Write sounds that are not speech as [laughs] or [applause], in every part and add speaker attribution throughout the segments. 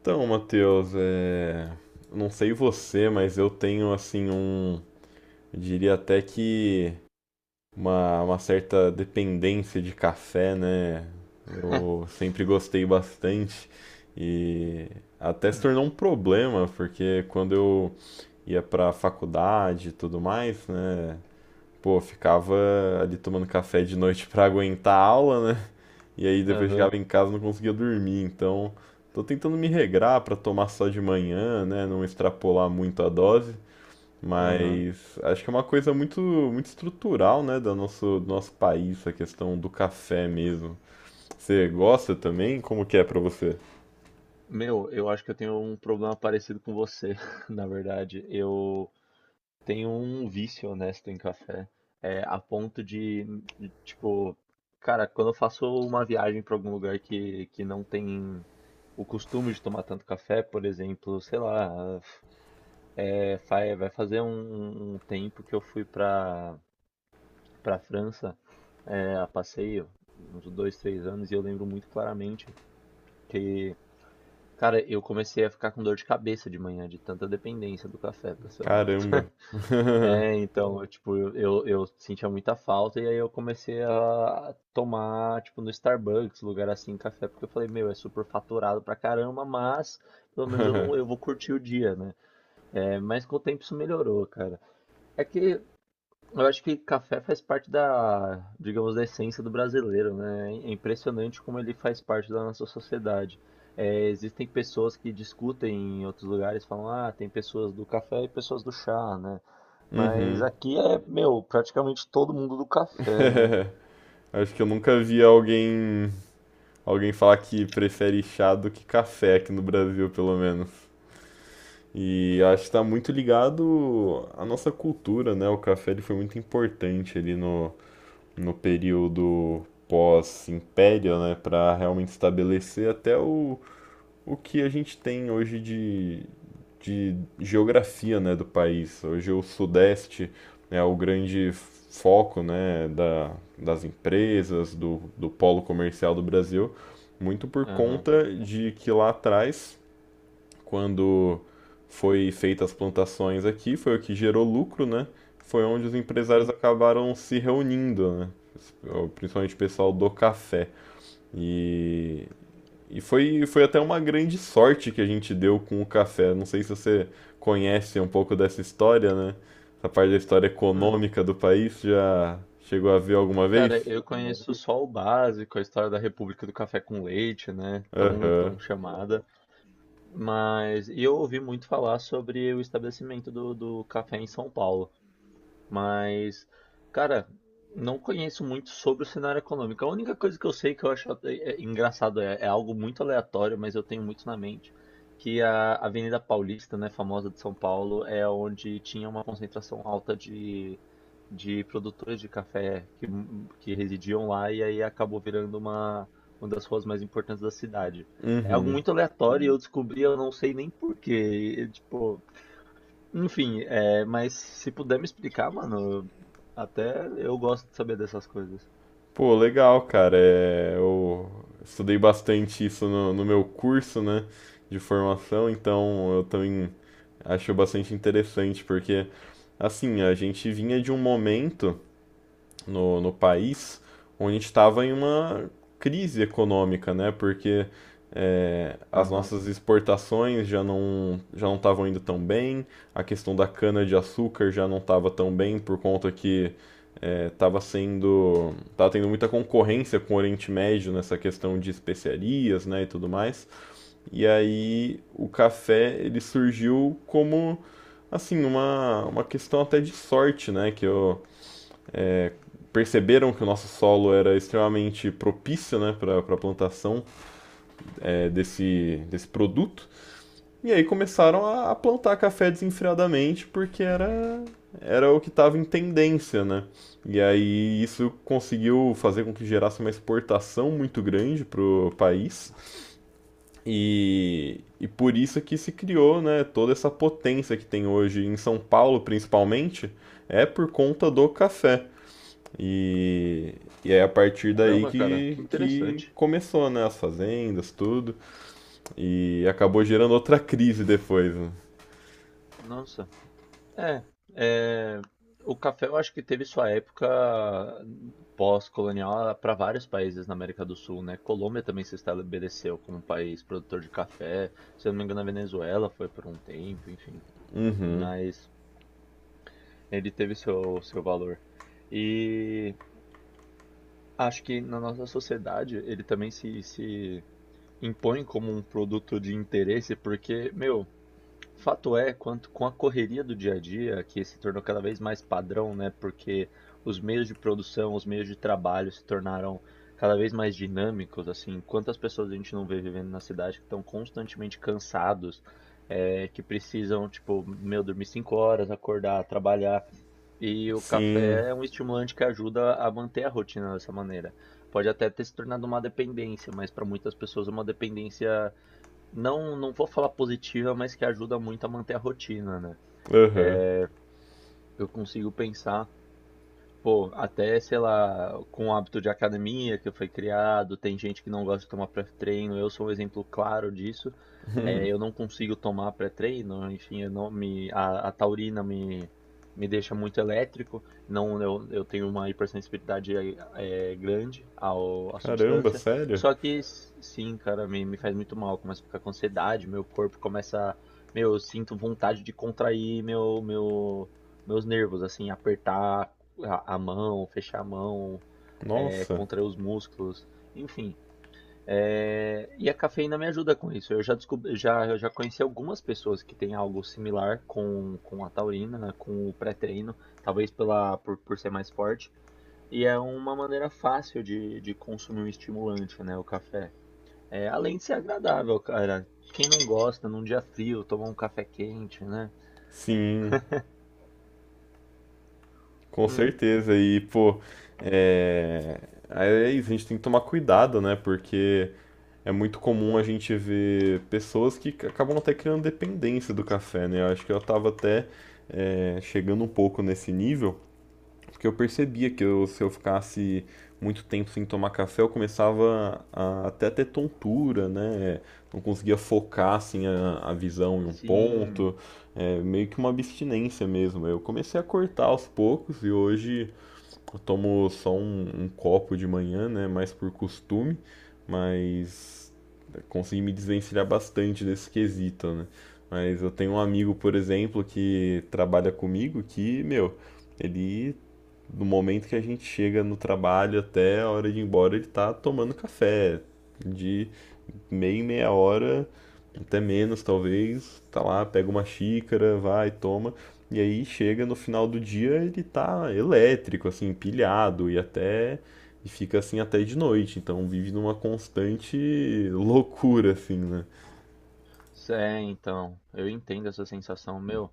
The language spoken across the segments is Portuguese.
Speaker 1: Então, Matheus, não sei você, mas eu tenho assim eu diria até que uma certa dependência de café, né? Eu
Speaker 2: [laughs]
Speaker 1: sempre gostei bastante e até se tornou um problema, porque quando eu ia pra faculdade e tudo mais, né? Pô, eu ficava ali tomando café de noite pra aguentar a aula, né? E aí depois
Speaker 2: Aham,
Speaker 1: chegava em casa e não conseguia dormir. Então, tô tentando me regrar para tomar só de manhã, né? Não extrapolar muito a dose.
Speaker 2: aham.
Speaker 1: Mas acho que é uma coisa muito, muito estrutural, né, do nosso país, a questão do café mesmo. Você gosta também? Como que é pra você?
Speaker 2: Meu, eu acho que eu tenho um problema parecido com você, [laughs] na verdade. Eu tenho um vício honesto em café, a ponto de, tipo, cara, quando eu faço uma viagem para algum lugar que não tem o costume de tomar tanto café, por exemplo, sei lá, vai fazer um tempo que eu fui para pra França, é, a passeio, uns dois, três anos, e eu lembro muito claramente que. Cara, eu comecei a ficar com dor de cabeça de manhã, de tanta dependência do café, pra ser honesto.
Speaker 1: Caramba.
Speaker 2: [laughs]
Speaker 1: [laughs]
Speaker 2: É, então, eu, eu sentia muita falta e aí eu comecei a tomar, tipo, no Starbucks, lugar assim, café, porque eu falei, meu, é super faturado pra caramba, mas pelo menos eu não, eu vou curtir o dia, né? É, mas com o tempo isso melhorou, cara. É que eu acho que café faz parte da, digamos, da essência do brasileiro, né? É impressionante como ele faz parte da nossa sociedade. Existem pessoas que discutem em outros lugares, falam, ah, tem pessoas do café e pessoas do chá, né? Mas
Speaker 1: Uhum.
Speaker 2: aqui é, meu, praticamente todo mundo do café, né?
Speaker 1: [laughs] Acho que eu nunca vi alguém falar que prefere chá do que café aqui no Brasil, pelo menos. E acho que está muito ligado à nossa cultura, né? O café ele foi muito importante ali no período pós-império, né? Para realmente estabelecer até o que a gente tem hoje de geografia, né? Do país. Hoje o Sudeste é o grande foco, né? Das empresas, do polo comercial do Brasil, muito por
Speaker 2: Aham.
Speaker 1: conta de que lá atrás quando foi feita as plantações aqui, foi o que gerou lucro, né? Foi onde os empresários
Speaker 2: Sim.
Speaker 1: acabaram se reunindo, né? Principalmente o pessoal do café. E, e foi até uma grande sorte que a gente deu com o café. Não sei se você conhece um pouco dessa história, né? Essa parte da história
Speaker 2: Hum.
Speaker 1: econômica do país já chegou a ver alguma vez?
Speaker 2: Cara, eu conheço só o básico, a história da República do Café com Leite, né?
Speaker 1: Aham.
Speaker 2: Tão chamada. Mas e eu ouvi muito falar sobre o estabelecimento do café em São Paulo. Mas, cara, não conheço muito sobre o cenário econômico. A única coisa que eu sei que eu acho é engraçado é, é algo muito aleatório, mas eu tenho muito na mente, que a Avenida Paulista, né, famosa de São Paulo, é onde tinha uma concentração alta de produtores de café que residiam lá e aí acabou virando uma das ruas mais importantes da cidade. É algo muito aleatório e eu descobri, eu não sei nem porquê, tipo, enfim, é, mas se puder me explicar, mano, até eu gosto de saber dessas coisas.
Speaker 1: Pô, legal, cara. É, eu estudei bastante isso no meu curso, né, de formação, então eu também acho bastante interessante, porque, assim, a gente vinha de um momento no país onde a gente estava em uma crise econômica, né, porque as
Speaker 2: Aham.
Speaker 1: nossas exportações já não estavam indo tão bem, a questão da cana-de-açúcar já não estava tão bem por conta que tava tendo muita concorrência com o Oriente Médio nessa questão de especiarias, né, e tudo mais. E aí o café ele surgiu como assim uma questão até de sorte, né, perceberam que o nosso solo era extremamente propício, né, para a plantação desse produto. E aí começaram a plantar café desenfreadamente porque era o que estava em tendência, né? E aí isso conseguiu fazer com que gerasse uma exportação muito grande para o país e por isso que se criou, né, toda essa potência que tem hoje em São Paulo, principalmente, é por conta do café. E, e é a partir daí
Speaker 2: Caramba, cara,
Speaker 1: que,
Speaker 2: que
Speaker 1: que
Speaker 2: interessante.
Speaker 1: começou, né, as fazendas, tudo, e acabou gerando outra crise depois, né?
Speaker 2: Nossa. É, é, o café eu acho que teve sua época pós-colonial para vários países na América do Sul, né? Colômbia também se estabeleceu como país produtor de café. Se eu não me engano, a Venezuela foi por um tempo, enfim. Mas ele teve seu valor. E acho que na nossa sociedade ele também se impõe como um produto de interesse, porque, meu, fato é, quanto com a correria do dia a dia, que se tornou cada vez mais padrão, né? Porque os meios de produção, os meios de trabalho se tornaram cada vez mais dinâmicos, assim, quantas pessoas a gente não vê vivendo na cidade que estão constantemente cansados, é, que precisam, tipo, meu, dormir cinco horas, acordar, trabalhar. E o
Speaker 1: Sim,
Speaker 2: café é um estimulante que ajuda a manter a rotina dessa maneira. Pode até ter se tornado uma dependência, mas para muitas pessoas é uma dependência não vou falar positiva, mas que ajuda muito a manter a rotina, né?
Speaker 1: aham.
Speaker 2: Eu consigo pensar, pô, até, sei lá, com o hábito de academia que foi criado, tem gente que não gosta de tomar pré-treino, eu sou um exemplo claro disso. É, eu não consigo tomar pré-treino, enfim, eu não me, a taurina me deixa muito elétrico, não, eu tenho uma hipersensibilidade grande ao, à
Speaker 1: Caramba,
Speaker 2: substância.
Speaker 1: sério?
Speaker 2: Só que, sim, cara, me faz muito mal, eu começo a ficar com ansiedade, meu corpo começa, meu, eu sinto vontade de contrair meu, meus nervos, assim, apertar a mão, fechar a mão, é,
Speaker 1: Nossa,
Speaker 2: contrair os músculos, enfim. É, e a cafeína me ajuda com isso. Eu já descobri, já, eu já conheci algumas pessoas que têm algo similar com a taurina, né, com o pré-treino, talvez por ser mais forte. E é uma maneira fácil de consumir um estimulante, né? O café. É, além de ser agradável, cara. Quem não gosta, num dia frio, tomar um café quente, né?
Speaker 1: sim, com
Speaker 2: Hum,
Speaker 1: certeza. E, pô, é... aí é isso, a gente tem que tomar cuidado, né? Porque é muito comum a gente ver pessoas que acabam até criando dependência do café, né? Eu acho que eu tava até chegando um pouco nesse nível, porque eu percebia que se eu ficasse muito tempo sem tomar café, eu começava a até ter tontura, né? Não conseguia focar assim a visão em um
Speaker 2: sim.
Speaker 1: ponto, meio que uma abstinência mesmo. Eu comecei a cortar aos poucos e hoje eu tomo só um copo de manhã, né? Mais por costume, mas consegui me desvencilhar bastante desse quesito, né? Mas eu tenho um amigo, por exemplo, que trabalha comigo que, meu, ele do momento que a gente chega no trabalho até a hora de ir embora, ele tá tomando café. De meia em meia hora, até menos talvez, tá lá, pega uma xícara, vai, toma. E aí chega no final do dia, ele tá elétrico, assim, pilhado e até. E fica assim até de noite, então vive numa constante loucura, assim, né?
Speaker 2: É, então. Eu entendo essa sensação, meu.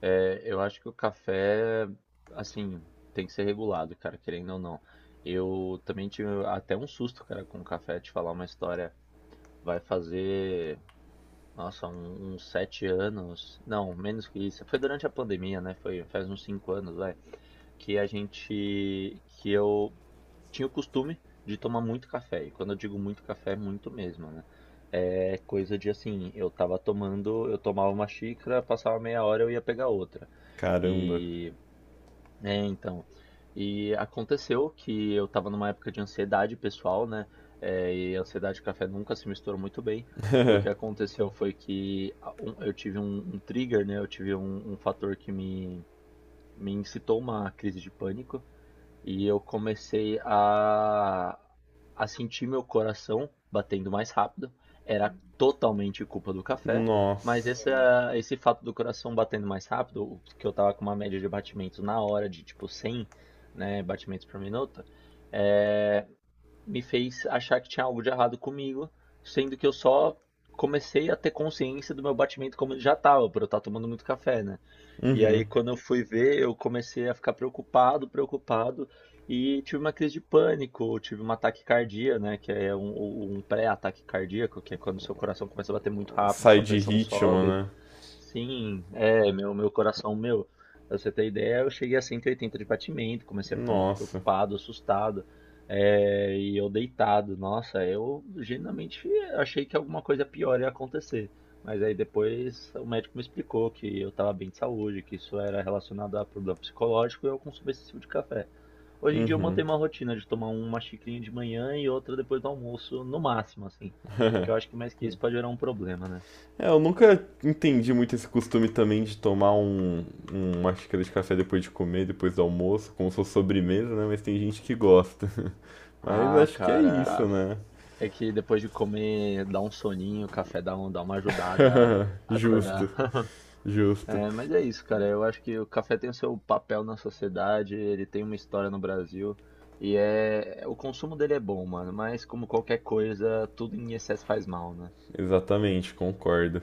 Speaker 2: É, eu acho que o café, assim, tem que ser regulado, cara, querendo ou não. Eu também tive até um susto, cara, com o café, te falar uma história. Vai fazer, nossa, uns sete anos, não, menos que isso. Foi durante a pandemia, né? Foi faz uns cinco anos, vai, que que eu tinha o costume de tomar muito café. E quando eu digo muito café, é muito mesmo, né? É coisa de assim, eu tomava uma xícara, passava meia hora, eu ia pegar outra.
Speaker 1: Caramba.
Speaker 2: E É, então. E aconteceu que eu estava numa época de ansiedade pessoal, né? É, e ansiedade e café nunca se misturam muito bem. O que aconteceu foi que eu tive um trigger, né? Eu tive um fator que me incitou uma crise de pânico. E eu comecei a sentir meu coração batendo mais rápido. Era totalmente culpa do café, mas
Speaker 1: Nossa.
Speaker 2: esse fato do coração batendo mais rápido, que eu tava com uma média de batimentos na hora de tipo 100, né, batimentos por minuto, é, me fez achar que tinha algo de errado comigo, sendo que eu só comecei a ter consciência do meu batimento como ele já tava, por eu estar tomando muito café, né? E aí,
Speaker 1: Uhum.
Speaker 2: quando eu fui ver, eu comecei a ficar preocupado, e tive uma crise de pânico, tive uma taquicardia, né? Que é um pré-ataque cardíaco, que é quando seu coração começa a bater muito rápido,
Speaker 1: Sai
Speaker 2: sua
Speaker 1: de
Speaker 2: pressão
Speaker 1: ritmo,
Speaker 2: sobe.
Speaker 1: né?
Speaker 2: Sim, é, meu, pra você ter ideia, eu cheguei a 180 de batimento, comecei a ficar muito
Speaker 1: Nossa.
Speaker 2: preocupado, assustado, é, e eu deitado, nossa, eu genuinamente achei que alguma coisa pior ia acontecer, mas aí depois o médico me explicou que eu estava bem de saúde, que isso era relacionado a problema psicológico e ao consumo excessivo de café. Hoje em dia
Speaker 1: Uhum.
Speaker 2: eu mantenho uma rotina de tomar uma xicrinha de manhã e outra depois do almoço, no máximo, assim, porque eu acho que mais que isso pode gerar um problema, né?
Speaker 1: É, eu nunca entendi muito esse costume também de tomar uma xícara de café depois de comer, depois do almoço, como se fosse sobremesa, né? Mas tem gente que gosta. [laughs] Mas
Speaker 2: Ah,
Speaker 1: acho que é isso,
Speaker 2: cara.
Speaker 1: né?
Speaker 2: É que depois de comer, dá um soninho, o café dá, um, dá uma ajudada a
Speaker 1: Justo,
Speaker 2: acordar. [laughs]
Speaker 1: justo.
Speaker 2: É, mas é isso, cara. Eu acho que o café tem o seu papel na sociedade, ele tem uma história no Brasil. E é, o consumo dele é bom, mano. Mas como qualquer coisa, tudo em excesso faz mal, né?
Speaker 1: Exatamente, concordo.